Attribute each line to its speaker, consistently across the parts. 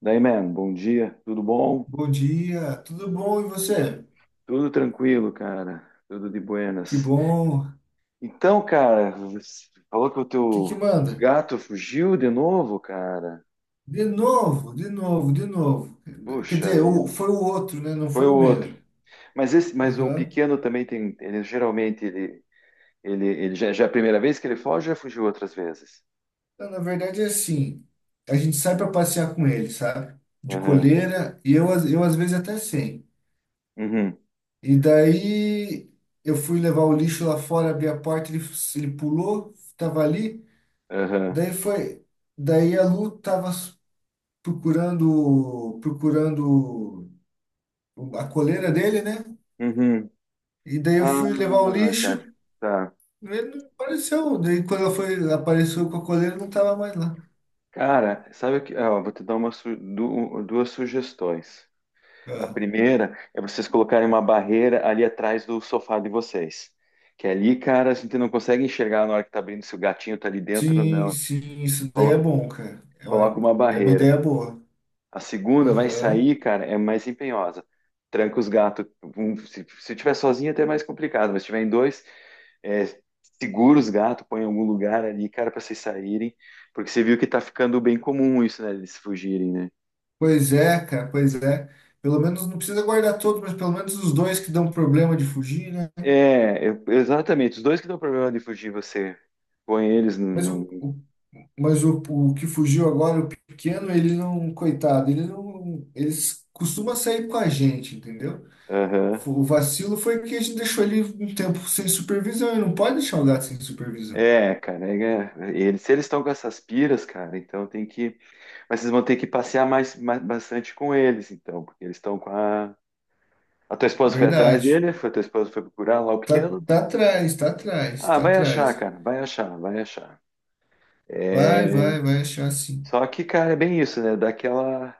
Speaker 1: Daí, man, bom dia, tudo bom?
Speaker 2: Bom dia, tudo bom e você?
Speaker 1: Tudo tranquilo, cara, tudo de
Speaker 2: Que
Speaker 1: buenas.
Speaker 2: bom. O
Speaker 1: Então, cara, você falou que o
Speaker 2: que que
Speaker 1: teu
Speaker 2: manda?
Speaker 1: gato fugiu de novo, cara.
Speaker 2: De novo, de novo, de novo. Quer
Speaker 1: Puxa
Speaker 2: dizer,
Speaker 1: vida,
Speaker 2: foi o outro, né? Não
Speaker 1: foi
Speaker 2: foi
Speaker 1: o
Speaker 2: o
Speaker 1: outro.
Speaker 2: mesmo.
Speaker 1: Mas o
Speaker 2: Aham.
Speaker 1: pequeno também tem, ele, ele já é a primeira vez que ele foge, ou já fugiu outras vezes.
Speaker 2: Não, na verdade é assim, a gente sai para passear com ele, sabe? De
Speaker 1: Aham,
Speaker 2: coleira e eu, eu às vezes até sem.
Speaker 1: uhum,
Speaker 2: E daí eu fui levar o lixo lá fora, abri a porta, ele, ele pulou, tava ali.
Speaker 1: aham,
Speaker 2: Daí foi, daí a Lu procurando, procurando a coleira dele, né?
Speaker 1: uhum.
Speaker 2: E daí eu fui levar o
Speaker 1: Ah,
Speaker 2: lixo,
Speaker 1: cara, tá.
Speaker 2: ele não apareceu. Daí quando ela foi, apareceu com a coleira, não tava mais lá.
Speaker 1: Cara, sabe o que? Ah, ó, vou te dar duas sugestões. A
Speaker 2: Ah,
Speaker 1: primeira é vocês colocarem uma barreira ali atrás do sofá de vocês. Que é ali, cara, a gente não consegue enxergar na hora que tá abrindo se o gatinho tá ali dentro ou
Speaker 2: sim,
Speaker 1: não.
Speaker 2: sim, isso daí é
Speaker 1: Colo-
Speaker 2: bom, cara.
Speaker 1: Coloca uma
Speaker 2: É uma
Speaker 1: barreira.
Speaker 2: ideia boa.
Speaker 1: A segunda vai
Speaker 2: Aham.
Speaker 1: sair, cara, é mais empenhosa. Tranca os gatos. Se tiver sozinho, até é mais complicado, mas se tiver em dois, é, segura os gatos, põe em algum lugar ali, cara, para vocês saírem. Porque você viu que tá ficando bem comum isso, né? Eles fugirem, né?
Speaker 2: Pois é, cara, pois é. Pelo menos não precisa guardar todos, mas pelo menos os dois que dão problema de fugir, né?
Speaker 1: É, exatamente. Os dois que dão problema de fugir, você põe eles
Speaker 2: Mas o,
Speaker 1: num.
Speaker 2: o- mas o que fugiu agora, o pequeno, ele não, coitado, ele não, eles costuma sair com a gente, entendeu?
Speaker 1: Aham.
Speaker 2: O vacilo foi que a gente deixou ele um tempo sem supervisão. E não pode deixar o gato sem supervisão.
Speaker 1: É, cara. Se eles estão com essas piras, cara, então tem que. Mas vocês vão ter que passear bastante com eles, então, porque eles estão com a. A tua esposa foi atrás
Speaker 2: Verdade.
Speaker 1: dele? Foi, a tua esposa foi procurar lá o
Speaker 2: Tá,
Speaker 1: pequeno?
Speaker 2: tá atrás, tá atrás,
Speaker 1: Ah,
Speaker 2: tá
Speaker 1: vai achar,
Speaker 2: atrás.
Speaker 1: cara. Vai achar, vai achar.
Speaker 2: Vai,
Speaker 1: É,
Speaker 2: vai, vai achar sim.
Speaker 1: só que, cara, é bem isso, né? Daquela.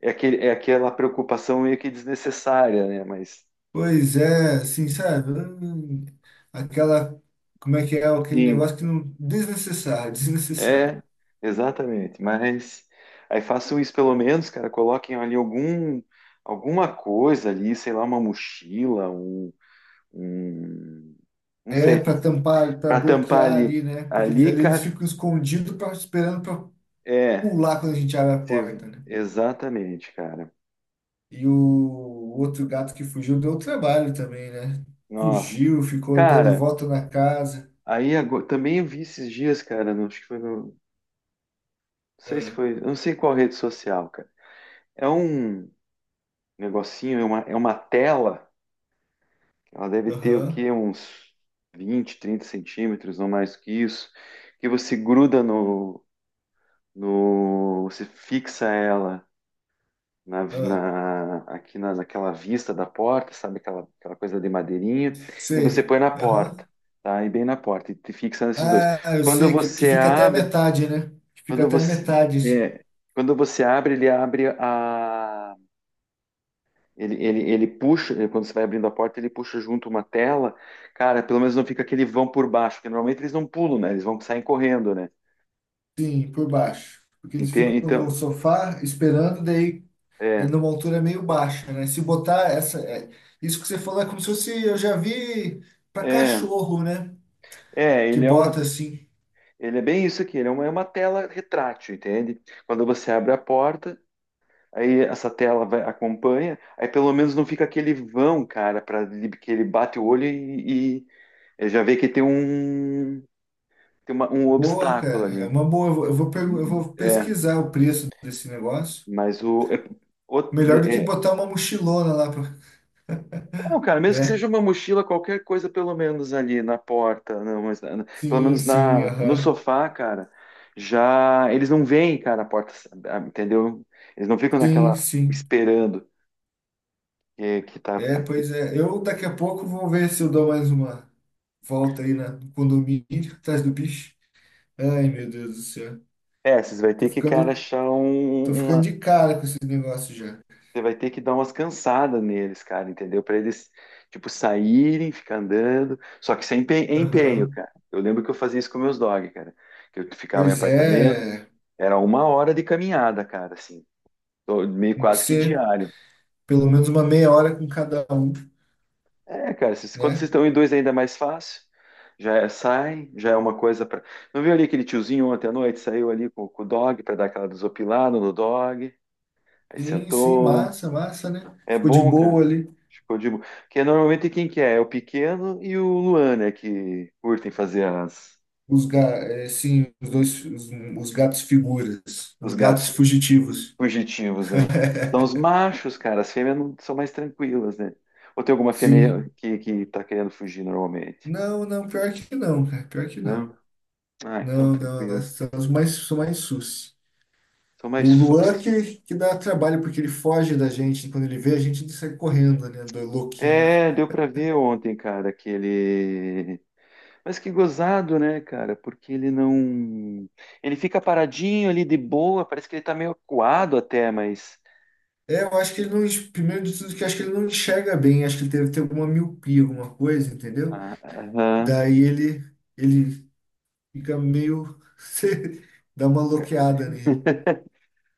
Speaker 1: É aquela preocupação meio que desnecessária, né? Mas.
Speaker 2: Pois é, assim, sabe? Aquela. Como é que é? Aquele
Speaker 1: Sim,
Speaker 2: negócio que não. Desnecessário, desnecessário.
Speaker 1: é, exatamente. Mas aí façam isso pelo menos, cara. Coloquem ali alguma coisa ali, sei lá, uma mochila, um, não
Speaker 2: É
Speaker 1: sei, tem
Speaker 2: para
Speaker 1: que ser.
Speaker 2: tampar, para
Speaker 1: Para tampar
Speaker 2: bloquear
Speaker 1: ali,
Speaker 2: ali, né? Porque eles,
Speaker 1: ali,
Speaker 2: ali eles
Speaker 1: cara.
Speaker 2: ficam escondidos, pra, esperando para
Speaker 1: É,
Speaker 2: pular quando a gente abre a porta, né?
Speaker 1: exatamente, cara.
Speaker 2: E o outro gato que fugiu deu trabalho também, né?
Speaker 1: Nossa,
Speaker 2: Fugiu, ficou dando
Speaker 1: cara.
Speaker 2: volta na casa.
Speaker 1: Aí agora, também eu vi esses dias, cara. Acho que foi no, não sei se
Speaker 2: Ah,
Speaker 1: foi, eu não sei qual rede social, cara. É um negocinho, é uma tela. Ela deve ter o
Speaker 2: aham,
Speaker 1: quê? Uns 20-30 centímetros, não mais que isso. Que você fixa ela
Speaker 2: ah,
Speaker 1: aqui naquela vista da porta, sabe aquela coisa de madeirinha, e você
Speaker 2: sei.
Speaker 1: põe na
Speaker 2: Aham.
Speaker 1: porta, tá? E bem na porta e te fixa nesses dois.
Speaker 2: Ah, eu
Speaker 1: Quando
Speaker 2: sei que
Speaker 1: você
Speaker 2: fica até a
Speaker 1: abre,
Speaker 2: metade, né? Que fica
Speaker 1: quando
Speaker 2: até a
Speaker 1: você,
Speaker 2: metade,
Speaker 1: é, quando você abre, ele abre a Ele, ele, ele puxa, quando você vai abrindo a porta, ele puxa junto uma tela. Cara, pelo menos não fica aquele vão por baixo, porque normalmente eles não pulam, né? Eles vão sair correndo, né?
Speaker 2: sim, por baixo. Porque eles ficam
Speaker 1: Entende?
Speaker 2: no
Speaker 1: Então,
Speaker 2: sofá esperando, daí é
Speaker 1: é,
Speaker 2: numa altura meio baixa, né? Se botar essa. Isso que você falou é como se fosse. Eu já vi pra
Speaker 1: é,
Speaker 2: cachorro, né? Que
Speaker 1: ele é
Speaker 2: bota assim.
Speaker 1: bem isso aqui, ele é uma tela retrátil, entende? Quando você abre a porta, aí essa tela vai, acompanha, aí pelo menos não fica aquele vão, cara, para que ele bate o olho e já vê que tem um
Speaker 2: Boa,
Speaker 1: obstáculo
Speaker 2: cara, é
Speaker 1: ali.
Speaker 2: uma boa. Eu vou, eu vou
Speaker 1: É,
Speaker 2: pesquisar o preço desse negócio.
Speaker 1: Mas o, é- o-
Speaker 2: Melhor do que
Speaker 1: é-
Speaker 2: botar uma mochilona lá, pra,
Speaker 1: não, cara, mesmo que
Speaker 2: né?
Speaker 1: seja uma mochila, qualquer coisa, pelo menos ali na porta, não, mas
Speaker 2: Sim, sim,
Speaker 1: no
Speaker 2: aham.
Speaker 1: sofá, cara, já eles não veem, cara, a porta, ah, entendeu? Eles não ficam
Speaker 2: Sim,
Speaker 1: naquela
Speaker 2: sim.
Speaker 1: esperando que tá
Speaker 2: É,
Speaker 1: complicado.
Speaker 2: pois é. Eu daqui a pouco vou ver se eu dou mais uma volta aí na, no condomínio, atrás do bicho. Ai, meu Deus do céu.
Speaker 1: É, vocês vai
Speaker 2: Tô
Speaker 1: ter que, cara,
Speaker 2: ficando, tô ficando de cara com esse negócio já.
Speaker 1: você vai ter que dar umas cansadas neles, cara, entendeu? Para eles, tipo, saírem, ficar andando, só que sem empenho,
Speaker 2: Aham.
Speaker 1: cara. Eu lembro que eu fazia isso com meus dog, cara que eu ficava em
Speaker 2: Pois
Speaker 1: apartamento.
Speaker 2: é.
Speaker 1: Era uma hora de caminhada, cara, assim. Tô meio
Speaker 2: Tem que
Speaker 1: quase que
Speaker 2: ser
Speaker 1: diário.
Speaker 2: pelo menos uma meia hora com cada um,
Speaker 1: É, cara, quando vocês
Speaker 2: né?
Speaker 1: estão em dois é ainda mais fácil. Já é uma coisa pra. Não viu ali aquele tiozinho ontem à noite? Saiu ali com o dog pra dar aquela desopilada no dog. Aí
Speaker 2: Sim, sim,
Speaker 1: sentou.
Speaker 2: massa, massa, né?
Speaker 1: É
Speaker 2: Ficou de
Speaker 1: bom, cara.
Speaker 2: boa ali.
Speaker 1: Ficou de boa. Porque normalmente quem que é? É o pequeno e o Luan, né? Que curtem fazer
Speaker 2: Sim, os dois, os gatos figuras,
Speaker 1: os
Speaker 2: os gatos
Speaker 1: gatos.
Speaker 2: fugitivos.
Speaker 1: fugitivos, né? Então, os machos, cara, as fêmeas são mais tranquilas, né? Ou tem alguma fêmea
Speaker 2: Sim.
Speaker 1: que tá querendo fugir normalmente?
Speaker 2: Não, não, pior que não, cara, pior que não.
Speaker 1: Não? Ah, então
Speaker 2: Não, não, elas
Speaker 1: tranquilo.
Speaker 2: são os mais, são mais sus.
Speaker 1: São
Speaker 2: O
Speaker 1: mais
Speaker 2: Luan
Speaker 1: suci.
Speaker 2: que dá trabalho, porque ele foge da gente. Quando ele vê, a gente ele sai correndo, né? Do louquinho.
Speaker 1: É, deu pra ver ontem, cara, aquele. Mas que gozado, né, cara? Porque ele não. Ele fica paradinho ali de boa, parece que ele tá meio acuado até, mas.
Speaker 2: É, eu acho que ele não. Primeiro de tudo, que eu acho que ele não enxerga bem. Acho que ele deve ter alguma miopia, alguma coisa, entendeu?
Speaker 1: Ah, aham.
Speaker 2: Daí ele, ele fica meio. Você dá uma bloqueada nele.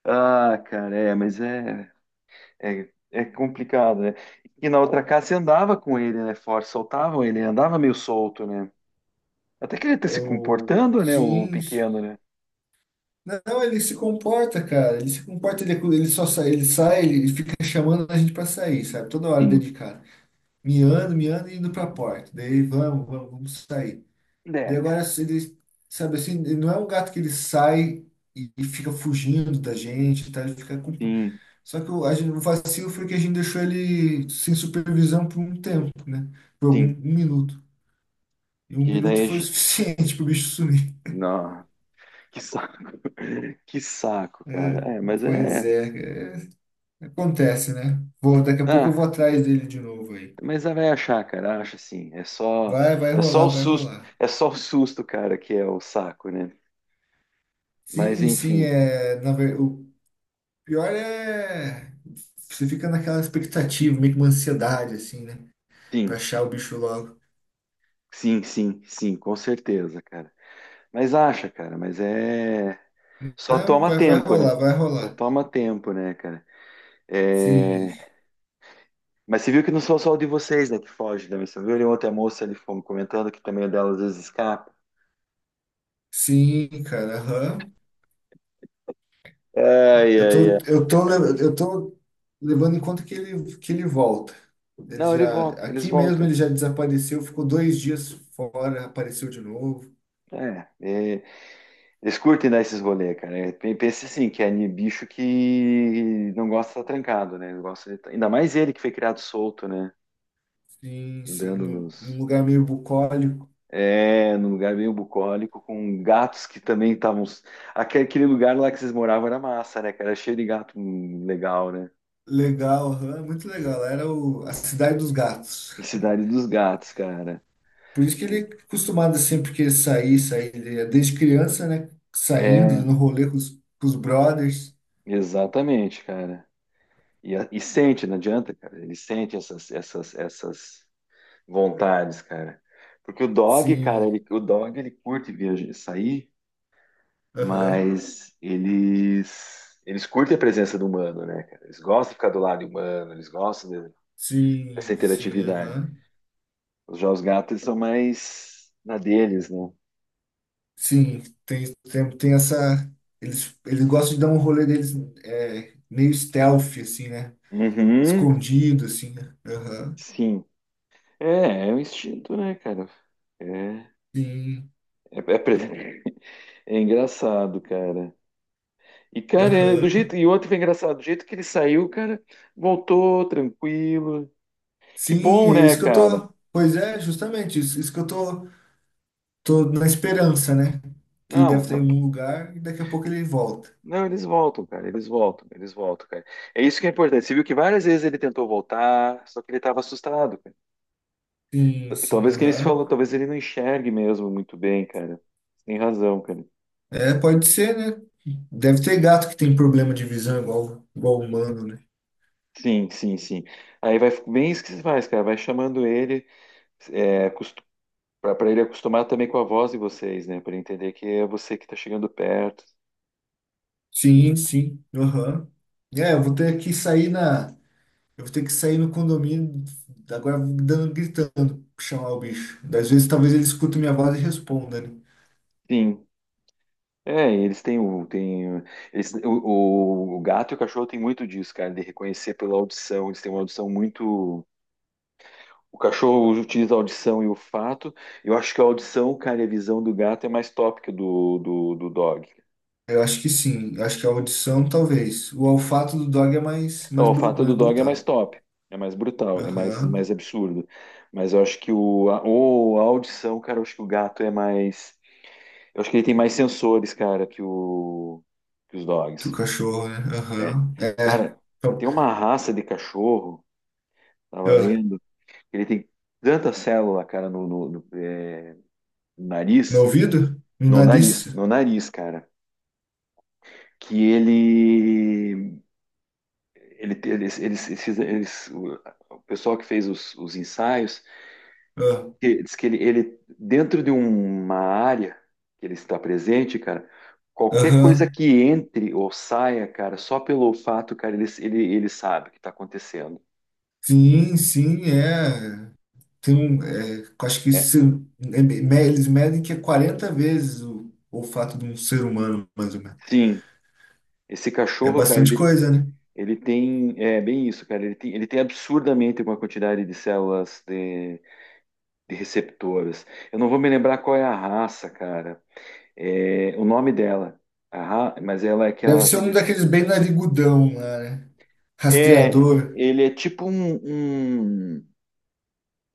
Speaker 1: Ah, cara, é, mas é. É complicado, né? E na outra casa você andava com ele, né? Forte, soltavam ele, andava meio solto, né? Até que ele tá
Speaker 2: É
Speaker 1: se
Speaker 2: O
Speaker 1: comportando, né? O
Speaker 2: Sims.
Speaker 1: pequeno, né?
Speaker 2: Não, ele se comporta, cara. Ele se comporta, ele só sai, ele fica chamando a gente pra sair, sabe? Toda hora
Speaker 1: Sim.
Speaker 2: dedicado. Miando, miando e indo pra porta. Daí vamos, vamos, vamos sair.
Speaker 1: É,
Speaker 2: Daí agora
Speaker 1: cara.
Speaker 2: ele, sabe assim, ele não é um gato que ele sai e fica fugindo da gente, tá? Ele fica com...
Speaker 1: Sim,
Speaker 2: Só que a gente, o vacilo foi que a gente deixou ele sem supervisão por um tempo, né? Por algum um
Speaker 1: sim.
Speaker 2: minuto. E um
Speaker 1: Que
Speaker 2: minuto
Speaker 1: daí.
Speaker 2: foi o suficiente pro bicho sumir.
Speaker 1: Não. Que saco. Que saco,
Speaker 2: É,
Speaker 1: cara. É, mas
Speaker 2: pois
Speaker 1: é.
Speaker 2: é, é, acontece, né? Vou, daqui a pouco eu vou
Speaker 1: Ah,
Speaker 2: atrás dele de novo aí.
Speaker 1: mas ela vai achar, cara. Acha sim. É só.
Speaker 2: Vai, vai
Speaker 1: É só
Speaker 2: rolar,
Speaker 1: o
Speaker 2: vai
Speaker 1: susto.
Speaker 2: rolar.
Speaker 1: É só o susto, cara, que é o saco, né? Mas
Speaker 2: Sim, sim,
Speaker 1: enfim.
Speaker 2: é, o pior é você fica naquela expectativa, meio que uma ansiedade assim, né? Pra
Speaker 1: Sim,
Speaker 2: achar o bicho logo.
Speaker 1: sim, sim, sim, com certeza, cara. Mas acha, cara, mas é. Só
Speaker 2: Não,
Speaker 1: toma
Speaker 2: vai, vai
Speaker 1: tempo, né?
Speaker 2: rolar, vai
Speaker 1: Só
Speaker 2: rolar.
Speaker 1: toma tempo, né, cara?
Speaker 2: Sim,
Speaker 1: É... Mas você viu que não sou só o de vocês, né, que foge também. Você viu ali ontem a moça ali comentando que também o dela às vezes escapa.
Speaker 2: sim, cara, aham.
Speaker 1: Ai,
Speaker 2: Eu
Speaker 1: ai, ai.
Speaker 2: tô, eu tô levando em conta que ele volta. Ele
Speaker 1: Não, ele
Speaker 2: já,
Speaker 1: volta, eles
Speaker 2: aqui mesmo
Speaker 1: voltam.
Speaker 2: ele já desapareceu, ficou dois dias fora, apareceu de novo.
Speaker 1: É, é, eles curtem dar esses rolê, cara. É, pense assim, que é bicho que não gosta de estar trancado, né? Não gosta de tá- Ainda mais ele que foi criado solto, né?
Speaker 2: Sim, sim,
Speaker 1: Andando
Speaker 2: num, num
Speaker 1: nos.
Speaker 2: lugar meio bucólico.
Speaker 1: É, num lugar meio bucólico, com gatos que também estavam. Aquele lugar lá que vocês moravam era massa, né, cara? Era cheio de gato legal, né?
Speaker 2: Legal, aham, é muito legal. Era a Cidade dos Gatos.
Speaker 1: Em Cidade dos Gatos, cara.
Speaker 2: Por isso que ele é
Speaker 1: Sei.
Speaker 2: acostumado sempre que ele sair, sair. Ele é desde criança, né?
Speaker 1: É,
Speaker 2: Saindo no rolê com os brothers.
Speaker 1: exatamente, cara. E sente, não adianta, cara. Ele sente essas vontades, cara. Porque o dog, cara,
Speaker 2: Sim,
Speaker 1: ele, o dog ele curte viajar, sair,
Speaker 2: aham.
Speaker 1: mas eles curtem a presença do humano, né, cara? Eles gostam de ficar do lado humano, eles gostam de, essa
Speaker 2: Sim, sim,
Speaker 1: interatividade.
Speaker 2: aham.
Speaker 1: Os jogos gatos são mais na deles, né?
Speaker 2: Sim, tem, tem, tem essa. Eles gostam de dar um rolê deles é, meio stealth, assim, né?
Speaker 1: Uhum,
Speaker 2: Escondido, assim, né? Aham.
Speaker 1: sim. É, é um instinto, né, cara? É,
Speaker 2: Sim,
Speaker 1: é, é pre- é engraçado, cara. E, cara, é do
Speaker 2: aham.
Speaker 1: jeito. E outro foi engraçado, do jeito que ele saiu, cara, voltou tranquilo. Que
Speaker 2: Sim,
Speaker 1: bom,
Speaker 2: é
Speaker 1: né,
Speaker 2: isso que eu
Speaker 1: cara?
Speaker 2: tô. Pois é, justamente, isso que eu tô, tô na esperança, né? Que ele
Speaker 1: Não,
Speaker 2: deve estar em algum lugar e daqui a pouco ele volta.
Speaker 1: não, eles voltam, cara. Eles voltam, cara. É isso que é importante. Você viu que várias vezes ele tentou voltar, só que ele tava assustado.
Speaker 2: Sim, sim,
Speaker 1: Talvez que ele se
Speaker 2: aham.
Speaker 1: falou, talvez ele não enxergue mesmo muito bem, cara. Tem razão, cara.
Speaker 2: É, pode ser, né? Deve ter gato que tem problema de visão igual, igual humano, né?
Speaker 1: Sim, sim, sim. Aí vai bem isso que você faz, cara. Vai chamando ele, é, para ele acostumar também com a voz de vocês, né? Para ele entender que é você que tá chegando perto. E-
Speaker 2: Sim, sim, aham. É, eu vou ter que sair na. Eu vou ter que sair no condomínio, agora dando, gritando, chamar o bicho. Às vezes, talvez ele escute minha voz e responda, né?
Speaker 1: Sim. É, e eles têm o, tem, eles, o gato e o cachorro têm muito disso, cara, de reconhecer pela audição. Eles têm uma audição muito. O cachorro utiliza a audição e o fato. Eu acho que a audição, cara, e a visão do gato é mais top que do dog.
Speaker 2: Eu acho que sim, eu acho que a audição, talvez. O olfato do dog é mais, mais,
Speaker 1: O fato
Speaker 2: mais
Speaker 1: do dog é mais
Speaker 2: brutal.
Speaker 1: top, é mais brutal, é mais,
Speaker 2: Aham.
Speaker 1: mais absurdo. Mas eu acho que a audição, cara, eu acho que o gato é mais. Eu acho que ele tem mais sensores, cara, que os
Speaker 2: Que o
Speaker 1: dogs.
Speaker 2: cachorro, né?
Speaker 1: É.
Speaker 2: Aham. É. É.
Speaker 1: Cara,
Speaker 2: Então,
Speaker 1: tem uma raça de cachorro, tava
Speaker 2: ah,
Speaker 1: lendo, que ele tem tanta célula, cara, no
Speaker 2: no
Speaker 1: nariz,
Speaker 2: ouvido? No
Speaker 1: no
Speaker 2: nariz?
Speaker 1: nariz, no nariz, cara, que ele, eles- o pessoal que fez os ensaios
Speaker 2: Ah,
Speaker 1: diz que dentro de uma área que ele está presente, cara, qualquer coisa
Speaker 2: aham,
Speaker 1: que entre ou saia, cara, só pelo fato, cara, ele sabe o que está acontecendo.
Speaker 2: sim, sim, é. Tem um, é, eu acho que
Speaker 1: É.
Speaker 2: é- me- eles medem que é 40 vezes o olfato de um ser humano, mais ou menos.
Speaker 1: Sim, esse
Speaker 2: É
Speaker 1: cachorro, cara,
Speaker 2: bastante coisa, né?
Speaker 1: é bem isso, cara, ele tem absurdamente uma quantidade de células de receptoras. Eu não vou me lembrar qual é a raça, cara, o nome dela, a mas ela é
Speaker 2: Deve
Speaker 1: aquela
Speaker 2: ser um
Speaker 1: que...
Speaker 2: daqueles bem narigudão lá, né?
Speaker 1: É,
Speaker 2: Rastreador.
Speaker 1: ele é tipo um, um-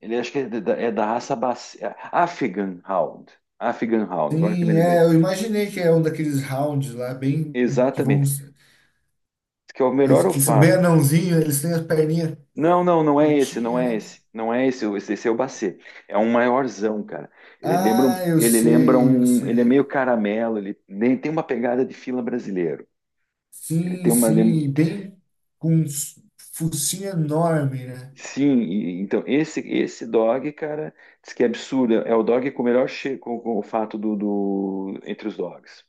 Speaker 1: Ele acho que é da raça Baci... Afghan Hound. Afghan Hound, agora que me
Speaker 2: Sim,
Speaker 1: lembrei.
Speaker 2: é, eu imaginei que é um daqueles rounds lá, bem que vão.
Speaker 1: Exatamente. Que é o melhor
Speaker 2: Eles que são bem
Speaker 1: olfato.
Speaker 2: anãozinhos, eles têm as perninhas
Speaker 1: Não, não, não é esse, não
Speaker 2: curtinhas,
Speaker 1: é
Speaker 2: né?
Speaker 1: esse. Não é esse, esse é o Bacê. É um maiorzão, cara. Ele lembra,
Speaker 2: Ah,
Speaker 1: um-
Speaker 2: eu
Speaker 1: ele lembra
Speaker 2: sei, eu
Speaker 1: um. Ele é
Speaker 2: sei.
Speaker 1: meio caramelo, ele tem uma pegada de fila brasileiro. Ele
Speaker 2: Sim,
Speaker 1: tem uma.
Speaker 2: sim, e bem com um focinho enorme, né?
Speaker 1: Sim, então esse dog, cara, diz que é absurdo. É o dog com o melhor com o fato entre os dogs.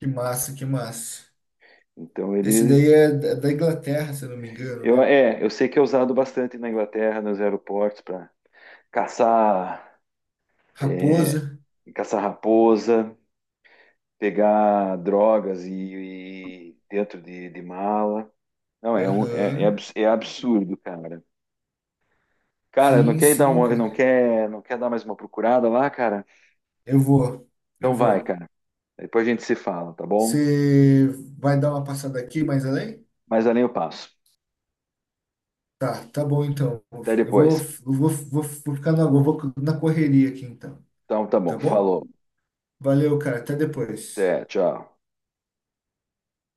Speaker 2: Que massa, que massa.
Speaker 1: Então
Speaker 2: Esse
Speaker 1: ele
Speaker 2: daí é da Inglaterra, se eu não me engano,
Speaker 1: Eu,
Speaker 2: né?
Speaker 1: é, eu sei que é usado bastante na Inglaterra, nos aeroportos, para caçar, é,
Speaker 2: Raposa.
Speaker 1: caçar raposa, pegar drogas e dentro de mala. Não,
Speaker 2: Aham.
Speaker 1: é absurdo, cara. Cara, não
Speaker 2: Sim,
Speaker 1: quer ir
Speaker 2: sim,
Speaker 1: não
Speaker 2: cara.
Speaker 1: quer, não quer dar mais uma procurada lá, cara?
Speaker 2: Eu vou, eu
Speaker 1: Então vai,
Speaker 2: vou.
Speaker 1: cara. Depois a gente se fala, tá bom?
Speaker 2: Você vai dar uma passada aqui mais além?
Speaker 1: Mas além eu passo.
Speaker 2: Tá, tá bom então.
Speaker 1: Até
Speaker 2: Eu vou,
Speaker 1: depois.
Speaker 2: eu vou, vou, vou ficar na, eu vou na correria aqui então,
Speaker 1: Então tá
Speaker 2: tá
Speaker 1: bom.
Speaker 2: bom?
Speaker 1: Falou.
Speaker 2: Valeu, cara. Até depois.
Speaker 1: Até, tchau.